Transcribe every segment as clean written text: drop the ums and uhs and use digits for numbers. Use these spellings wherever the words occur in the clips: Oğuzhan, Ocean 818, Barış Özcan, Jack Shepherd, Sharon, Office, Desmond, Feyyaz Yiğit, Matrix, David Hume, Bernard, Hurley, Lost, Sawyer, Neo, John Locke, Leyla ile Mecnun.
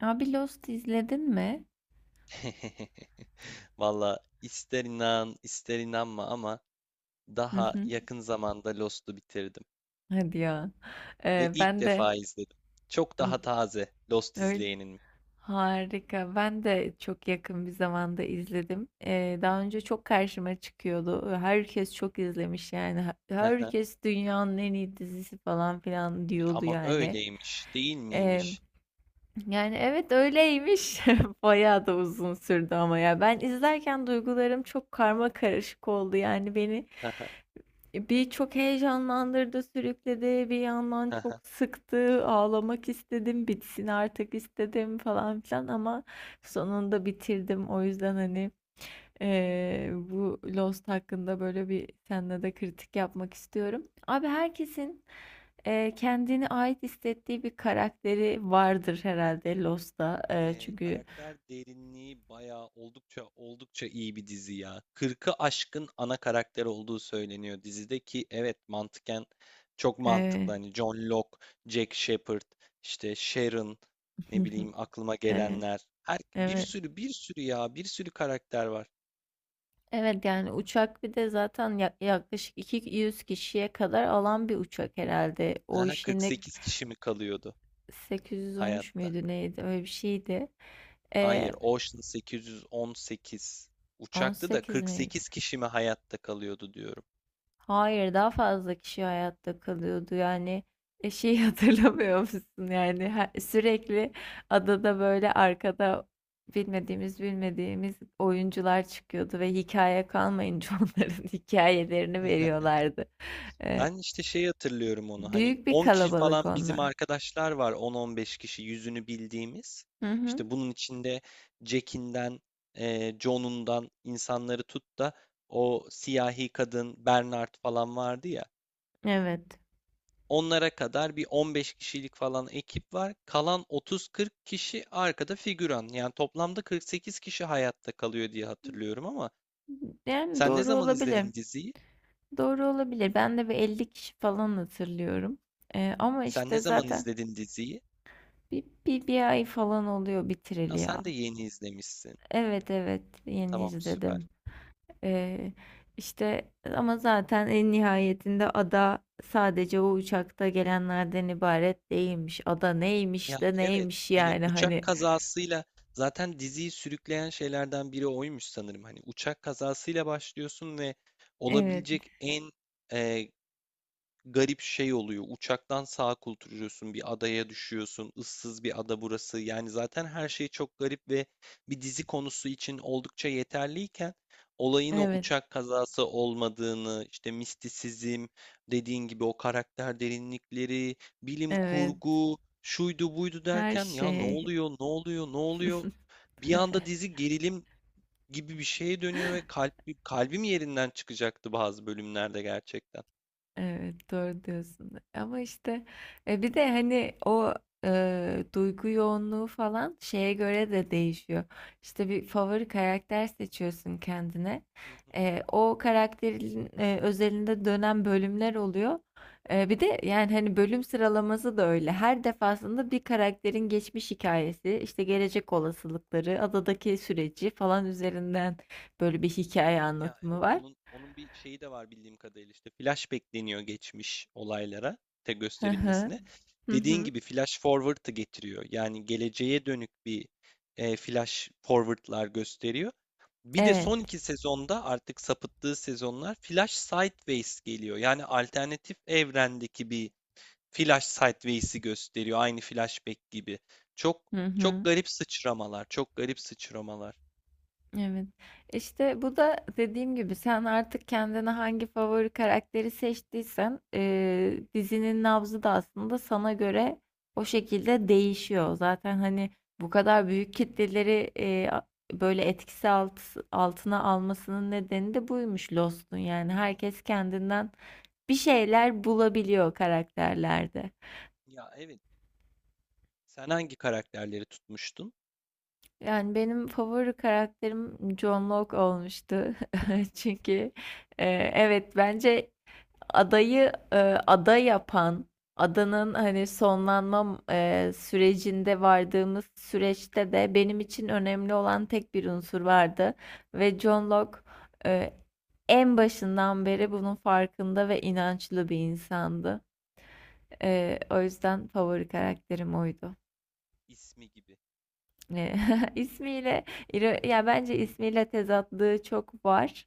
Abi Lost izledin mi? Valla ister inan ister inanma ama Hı daha hı. yakın zamanda Lost'u bitirdim. Hadi ya. Ve ilk Ben defa de izledim. Çok daha ım, taze Lost öyle izleyenim. harika. Ben de çok yakın bir zamanda izledim. Daha önce çok karşıma çıkıyordu. Herkes çok izlemiş yani. Herkes dünyanın en iyi dizisi falan filan diyordu Ama yani. öyleymiş değil Ee, miymiş? Yani evet öyleymiş. Bayağı da uzun sürdü ama ya. Ben izlerken duygularım çok karma karışık oldu yani beni. Bir çok heyecanlandırdı, sürükledi, bir yandan çok sıktı, ağlamak istedim, bitsin artık istedim falan filan ama sonunda bitirdim. O yüzden hani bu Lost hakkında böyle bir seninle de kritik yapmak istiyorum. Abi herkesin kendine ait hissettiği bir karakteri vardır herhalde Lost'ta. Çünkü Karakter derinliği bayağı oldukça iyi bir dizi ya. 40'ı aşkın ana karakter olduğu söyleniyor dizide ki evet mantıken çok mantıklı. eee, Hani John Locke, Jack Shepherd, işte Sharon, ne bileyim, aklıma evet, gelenler. Her, bir evet. sürü bir sürü ya, bir sürü karakter var. Evet yani uçak bir de zaten yaklaşık 200 kişiye kadar alan bir uçak herhalde. O Aha, işin 48 kişi mi kalıyordu 813 hayatta? müydü neydi öyle bir şeydi. Ee, Hayır, Ocean 818 uçakta da 18 miydi? 48 kişi mi hayatta kalıyordu diyorum. Hayır daha fazla kişi hayatta kalıyordu yani şey hatırlamıyor musun yani sürekli adada böyle arkada bilmediğimiz oyuncular çıkıyordu ve hikaye kalmayınca onların hikayelerini veriyorlardı. Ee, Ben işte şey hatırlıyorum onu, hani Büyük bir 10 kişi kalabalık falan bizim onlar. arkadaşlar var, 10-15 kişi yüzünü bildiğimiz. Hı hı. İşte bunun içinde Jack'inden, John'undan insanları tut da o siyahi kadın Bernard falan vardı ya. Evet. Onlara kadar bir 15 kişilik falan ekip var. Kalan 30-40 kişi arkada figüran. Yani toplamda 48 kişi hayatta kalıyor diye hatırlıyorum ama Yani sen ne doğru zaman olabilir. izledin diziyi? Doğru olabilir. Ben de bir 50 kişi falan hatırlıyorum. Ama Sen ne işte zaman zaten izledin diziyi? bir ay falan oluyor Ha, bitireli ya. sen de yeni izlemişsin. Evet evet yeni Tamam, süper. izledim. Ee, işte ama zaten en nihayetinde ada sadece o uçakta gelenlerden ibaret değilmiş. Ada Ya neymiş de evet, neymiş hani yani uçak hani. kazasıyla zaten diziyi sürükleyen şeylerden biri oymuş sanırım. Hani uçak kazasıyla başlıyorsun ve Evet olabilecek en garip şey oluyor. Uçaktan sağa kulturuyorsun, bir adaya düşüyorsun. Issız bir ada burası. Yani zaten her şey çok garip ve bir dizi konusu için oldukça yeterliyken olayın o evet uçak kazası olmadığını, işte mistisizm, dediğin gibi o karakter derinlikleri, bilim evet kurgu, şuydu buydu her derken ya ne şey. oluyor, ne oluyor, ne oluyor? Bir anda dizi gerilim gibi bir şeye dönüyor ve kalp, kalbim yerinden çıkacaktı bazı bölümlerde gerçekten. Evet, doğru diyorsun. Ama işte bir de hani o duygu yoğunluğu falan şeye göre de değişiyor. İşte bir favori karakter seçiyorsun kendine. Hı hı. O karakterin özelinde dönen bölümler oluyor. Bir de yani hani bölüm sıralaması da öyle. Her defasında bir karakterin geçmiş hikayesi, işte gelecek olasılıkları, adadaki süreci falan üzerinden böyle bir hikaye Ya anlatımı evet, var. onun bir şeyi de var bildiğim kadarıyla, işte flash bekleniyor geçmiş olaylara te Hı hı. gösterilmesine. Hı Dediğin hı. gibi flash forwardı getiriyor. Yani geleceğe dönük bir flash forward'lar gösteriyor. Bir de Evet. son iki sezonda artık sapıttığı sezonlar flash sideways geliyor. Yani alternatif evrendeki bir flash sideways'i gösteriyor. Aynı flashback gibi. Çok Hı çok hı. garip sıçramalar, çok garip sıçramalar. Evet. İşte bu da dediğim gibi sen artık kendine hangi favori karakteri seçtiysen dizinin nabzı da aslında sana göre o şekilde değişiyor. Zaten hani bu kadar büyük kitleleri böyle altına almasının nedeni de Hı buymuş hı, Lost'un. Yani hı hı. herkes kendinden bir şeyler bulabiliyor karakterlerde. Ya evet. Sen hangi karakterleri tutmuştun? Yani benim favori karakterim John Locke olmuştu. Ha, Çünkü e, evet bence adayı e, ada yapan, adanın hani sonlanma sürecinde vardığımız süreçte de benim için önemli olan tek bir unsur vardı. Ve John Locke e, en başından beri bunun farkında ve inançlı bir insandı. O yüzden favori karakterim oydu. ismi gibi. Eee, ismiyle iro ya bence ismiyle tezatlığı çok var.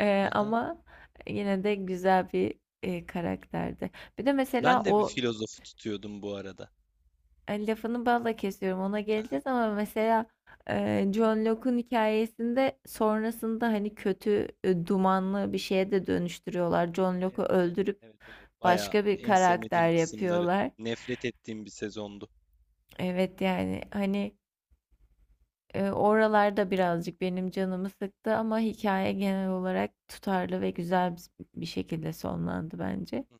Aha. Ama yine de güzel bir karakterdi. Bir de mesela Ben de bir o filozofu tutuyordum bu arada. hani lafını balla kesiyorum ona Aha. geleceğiz ama mesela, John Locke'un hikayesinde sonrasında hani kötü, dumanlı bir şeye de dönüştürüyorlar. John Locke'u Evet, evet, öldürüp evet, evet. Bayağı başka bir en sevmediğim karakter kısımları, yapıyorlar. nefret ettiğim bir sezondu. Evet, yani, hani oralarda birazcık benim canımı sıktı ama hikaye genel olarak tutarlı ve güzel bir şekilde sonlandı bence. Hı hı.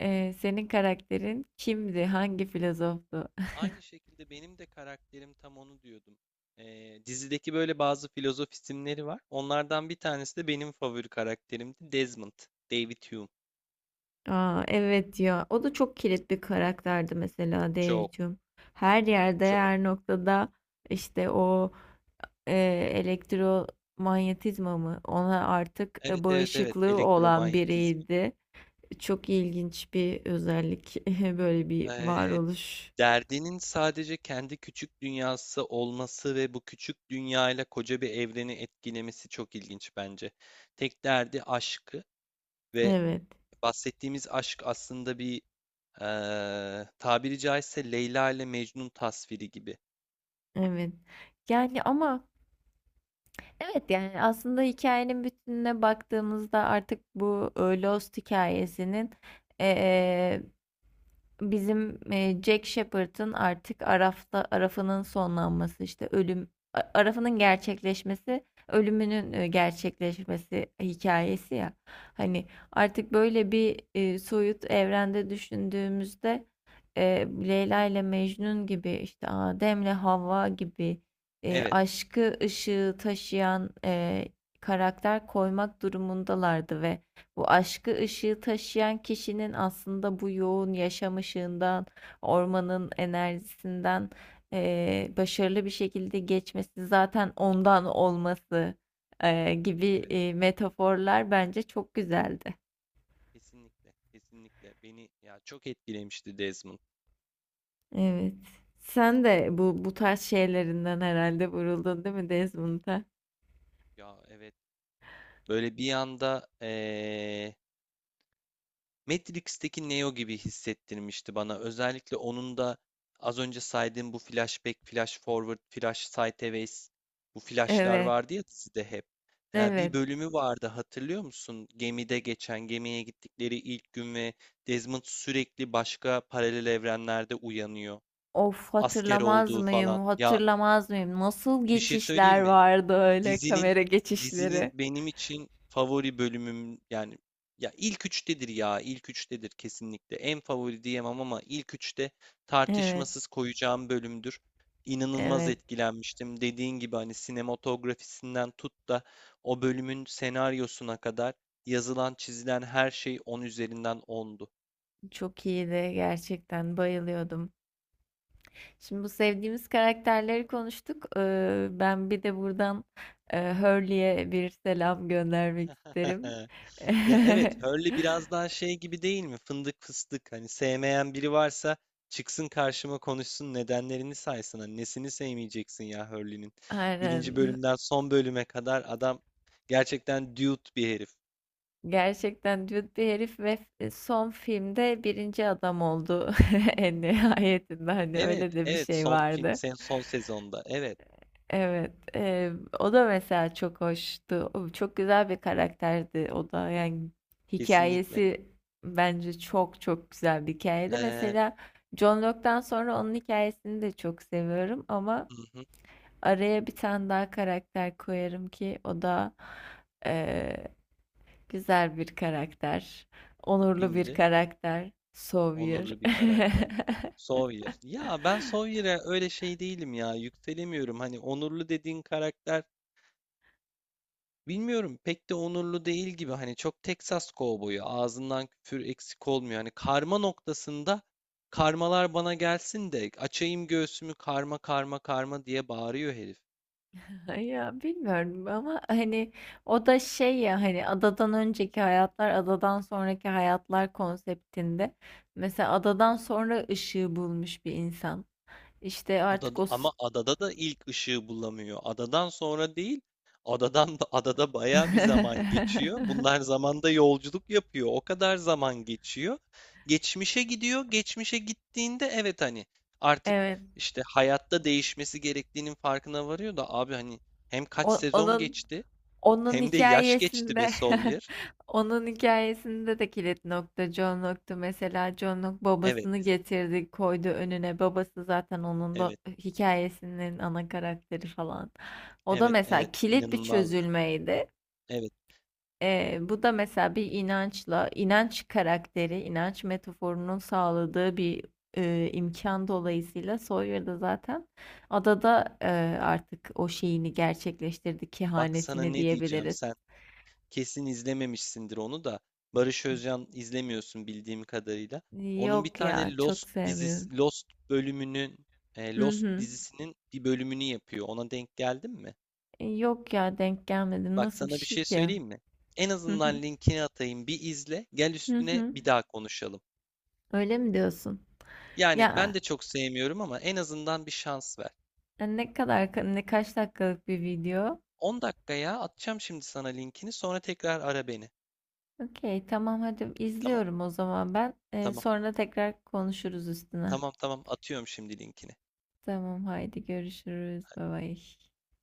Senin karakterin kimdi? Hangi filozoftu? Aynı şekilde benim de karakterim tam onu diyordum. Dizideki böyle bazı filozof isimleri var. Onlardan bir tanesi de benim favori karakterimdi. Desmond, David Hume. Aa, evet ya. O da çok kilit bir karakterdi mesela Çok, Dave'cum. Her yerde, çok. her noktada işte o e, elektromanyetizma mı? Ona artık Evet, evet, evet. bağışıklığı olan Elektromanyetizma. biriydi. Çok ilginç bir özellik. Böyle bir Ee, varoluş. Derdinin sadece kendi küçük dünyası olması ve bu küçük dünyayla koca bir evreni etkilemesi çok ilginç bence. Tek derdi aşkı ve Evet, bahsettiğimiz aşk aslında bir tabiri caizse Leyla ile Mecnun tasviri gibi. evet. Yani ama evet yani aslında hikayenin bütününe baktığımızda artık bu Lost hikayesinin bizim Jack Shepherd'ın artık Araf'ta Araf'ının sonlanması işte Araf'ının gerçekleşmesi ölümünün gerçekleşmesi hikayesi ya hani artık böyle bir soyut evrende düşündüğümüzde e, Leyla ile Mecnun gibi işte Adem'le Havva gibi Evet, aşkı ışığı taşıyan karakter koymak durumundalardı ve bu aşkı ışığı taşıyan kişinin aslında bu yoğun yaşam ışığından, ormanın enerjisinden başarılı bir şekilde geçmesi zaten ondan olması eee, gibi evet, eee, metaforlar bence çok güzeldi. kesinlikle, kesinlikle. Beni ya çok etkilemişti Desmond. Evet. Sen de bu bu tarz şeylerinden herhalde vuruldun değil mi Desmond'a? Ya evet, böyle bir anda Matrix'teki Neo gibi hissettirmişti bana. Özellikle onun da az önce saydığım bu flashback, flash forward, flash sideways, bu flashlar Evet, vardı ya dizide hep. Bir evet. bölümü vardı, hatırlıyor musun? Gemide geçen, gemiye gittikleri ilk gün ve Desmond sürekli başka paralel evrenlerde uyanıyor. Of Asker hatırlamaz olduğu falan. mıyım? Ya, Hatırlamaz mıyım? Nasıl bir şey geçişler söyleyeyim mi? vardı öyle Dizinin kamera dizinin geçişleri? benim için favori bölümüm yani ya ilk üçtedir kesinlikle. En favori diyemem ama ilk üçte Evet. tartışmasız koyacağım bölümdür. İnanılmaz Evet, etkilenmiştim. Dediğin gibi hani sinematografisinden tut da o bölümün senaryosuna kadar yazılan çizilen her şey 10 üzerinden ondu. çok iyiydi gerçekten bayılıyordum. Şimdi bu sevdiğimiz karakterleri konuştuk. Ben bir de buradan Hurley'e bir selam göndermek isterim. Ya evet, Hurley biraz daha şey gibi değil mi? Fındık fıstık. Hani sevmeyen biri varsa çıksın karşıma, konuşsun, nedenlerini saysın. Hani nesini sevmeyeceksin ya Hurley'nin. Birinci Aynen. bölümden son bölüme kadar adam gerçekten dude bir herif. Gerçekten düet bir herif ve son filmde birinci adam oldu en nihayetinde hani Evet, öyle de bir evet şey son fin, vardı. sen son sezonda. Evet, Evet, o da mesela çok hoştu. O çok güzel bir karakterdi o da. Yani kesinlikle. hikayesi bence çok çok güzel bir hikayeydi. Ee, Mesela John Locke'dan sonra onun hikayesini de çok seviyorum ama hı hı, araya bir tane daha karakter koyarım ki o da eee, güzel bir karakter, onurlu bir kimdir? karakter, Sawyer. Onurlu bir karakter. Sawyer. Ya ben Sawyer'e öyle şey değilim ya. Yükselemiyorum. Hani onurlu dediğin karakter, bilmiyorum, pek de onurlu değil gibi, hani çok Texas kovboyu, ağzından küfür eksik olmuyor. Hani karma noktasında karmalar bana gelsin de açayım göğsümü, karma karma karma diye bağırıyor herif. Ya bilmiyorum ama hani o da şey ya hani adadan önceki hayatlar adadan sonraki hayatlar konseptinde mesela adadan sonra ışığı bulmuş bir insan işte artık Adada, ama adada da ilk ışığı bulamıyor. Adadan sonra değil, adadan da adada bayağı bir zaman geçiyor. Bunlar zamanda yolculuk yapıyor. O kadar zaman geçiyor. Geçmişe gidiyor. Geçmişe gittiğinde evet, hani artık evet işte hayatta değişmesi gerektiğinin farkına varıyor da abi hani hem kaç sezon onun geçti Onun hem de yaş geçti be hikayesinde Sawyer. onun hikayesinde de kilit nokta John Locke'tu. Mesela John Locke Evet, babasını getirdi, koydu önüne. Babası zaten onun evet, hikayesinin ana karakteri falan. O da evet, evet. mesela kilit bir inanılmazdı. çözülmeydi. Evet. Bu da mesela bir inançla, inanç karakteri, inanç metaforunun sağladığı bir imkan dolayısıyla Sawyer da zaten adada artık o şeyini gerçekleştirdi, Bak sana kehanetini ne diyeceğim diyebiliriz. sen. Kesin izlememişsindir onu da. Barış Özcan izlemiyorsun bildiğim kadarıyla. Onun bir Yok ya tane çok Lost sevmiyorum. dizisi, Lost bölümünün, Hı Lost hı. dizisinin bir bölümünü yapıyor. Ona denk geldin mi? Yok ya denk gelmedim. Bak Nasıl bir sana bir şey şey ki? söyleyeyim mi? En Hı hı. azından linkini atayım, bir izle. Gel Hı üstüne hı. bir daha konuşalım. Öyle mi diyorsun? Yani ben Ya de çok sevmiyorum ama en azından bir şans ver. Ne kadar ne kaç dakikalık bir video? 10 dakikaya atacağım şimdi sana linkini. Sonra tekrar ara beni. Okey tamam hadi Tamam? izliyorum o zaman ben. Tamam. Sonra tekrar konuşuruz üstüne. Tamam, atıyorum şimdi linkini. Tamam haydi görüşürüz. Bye bye.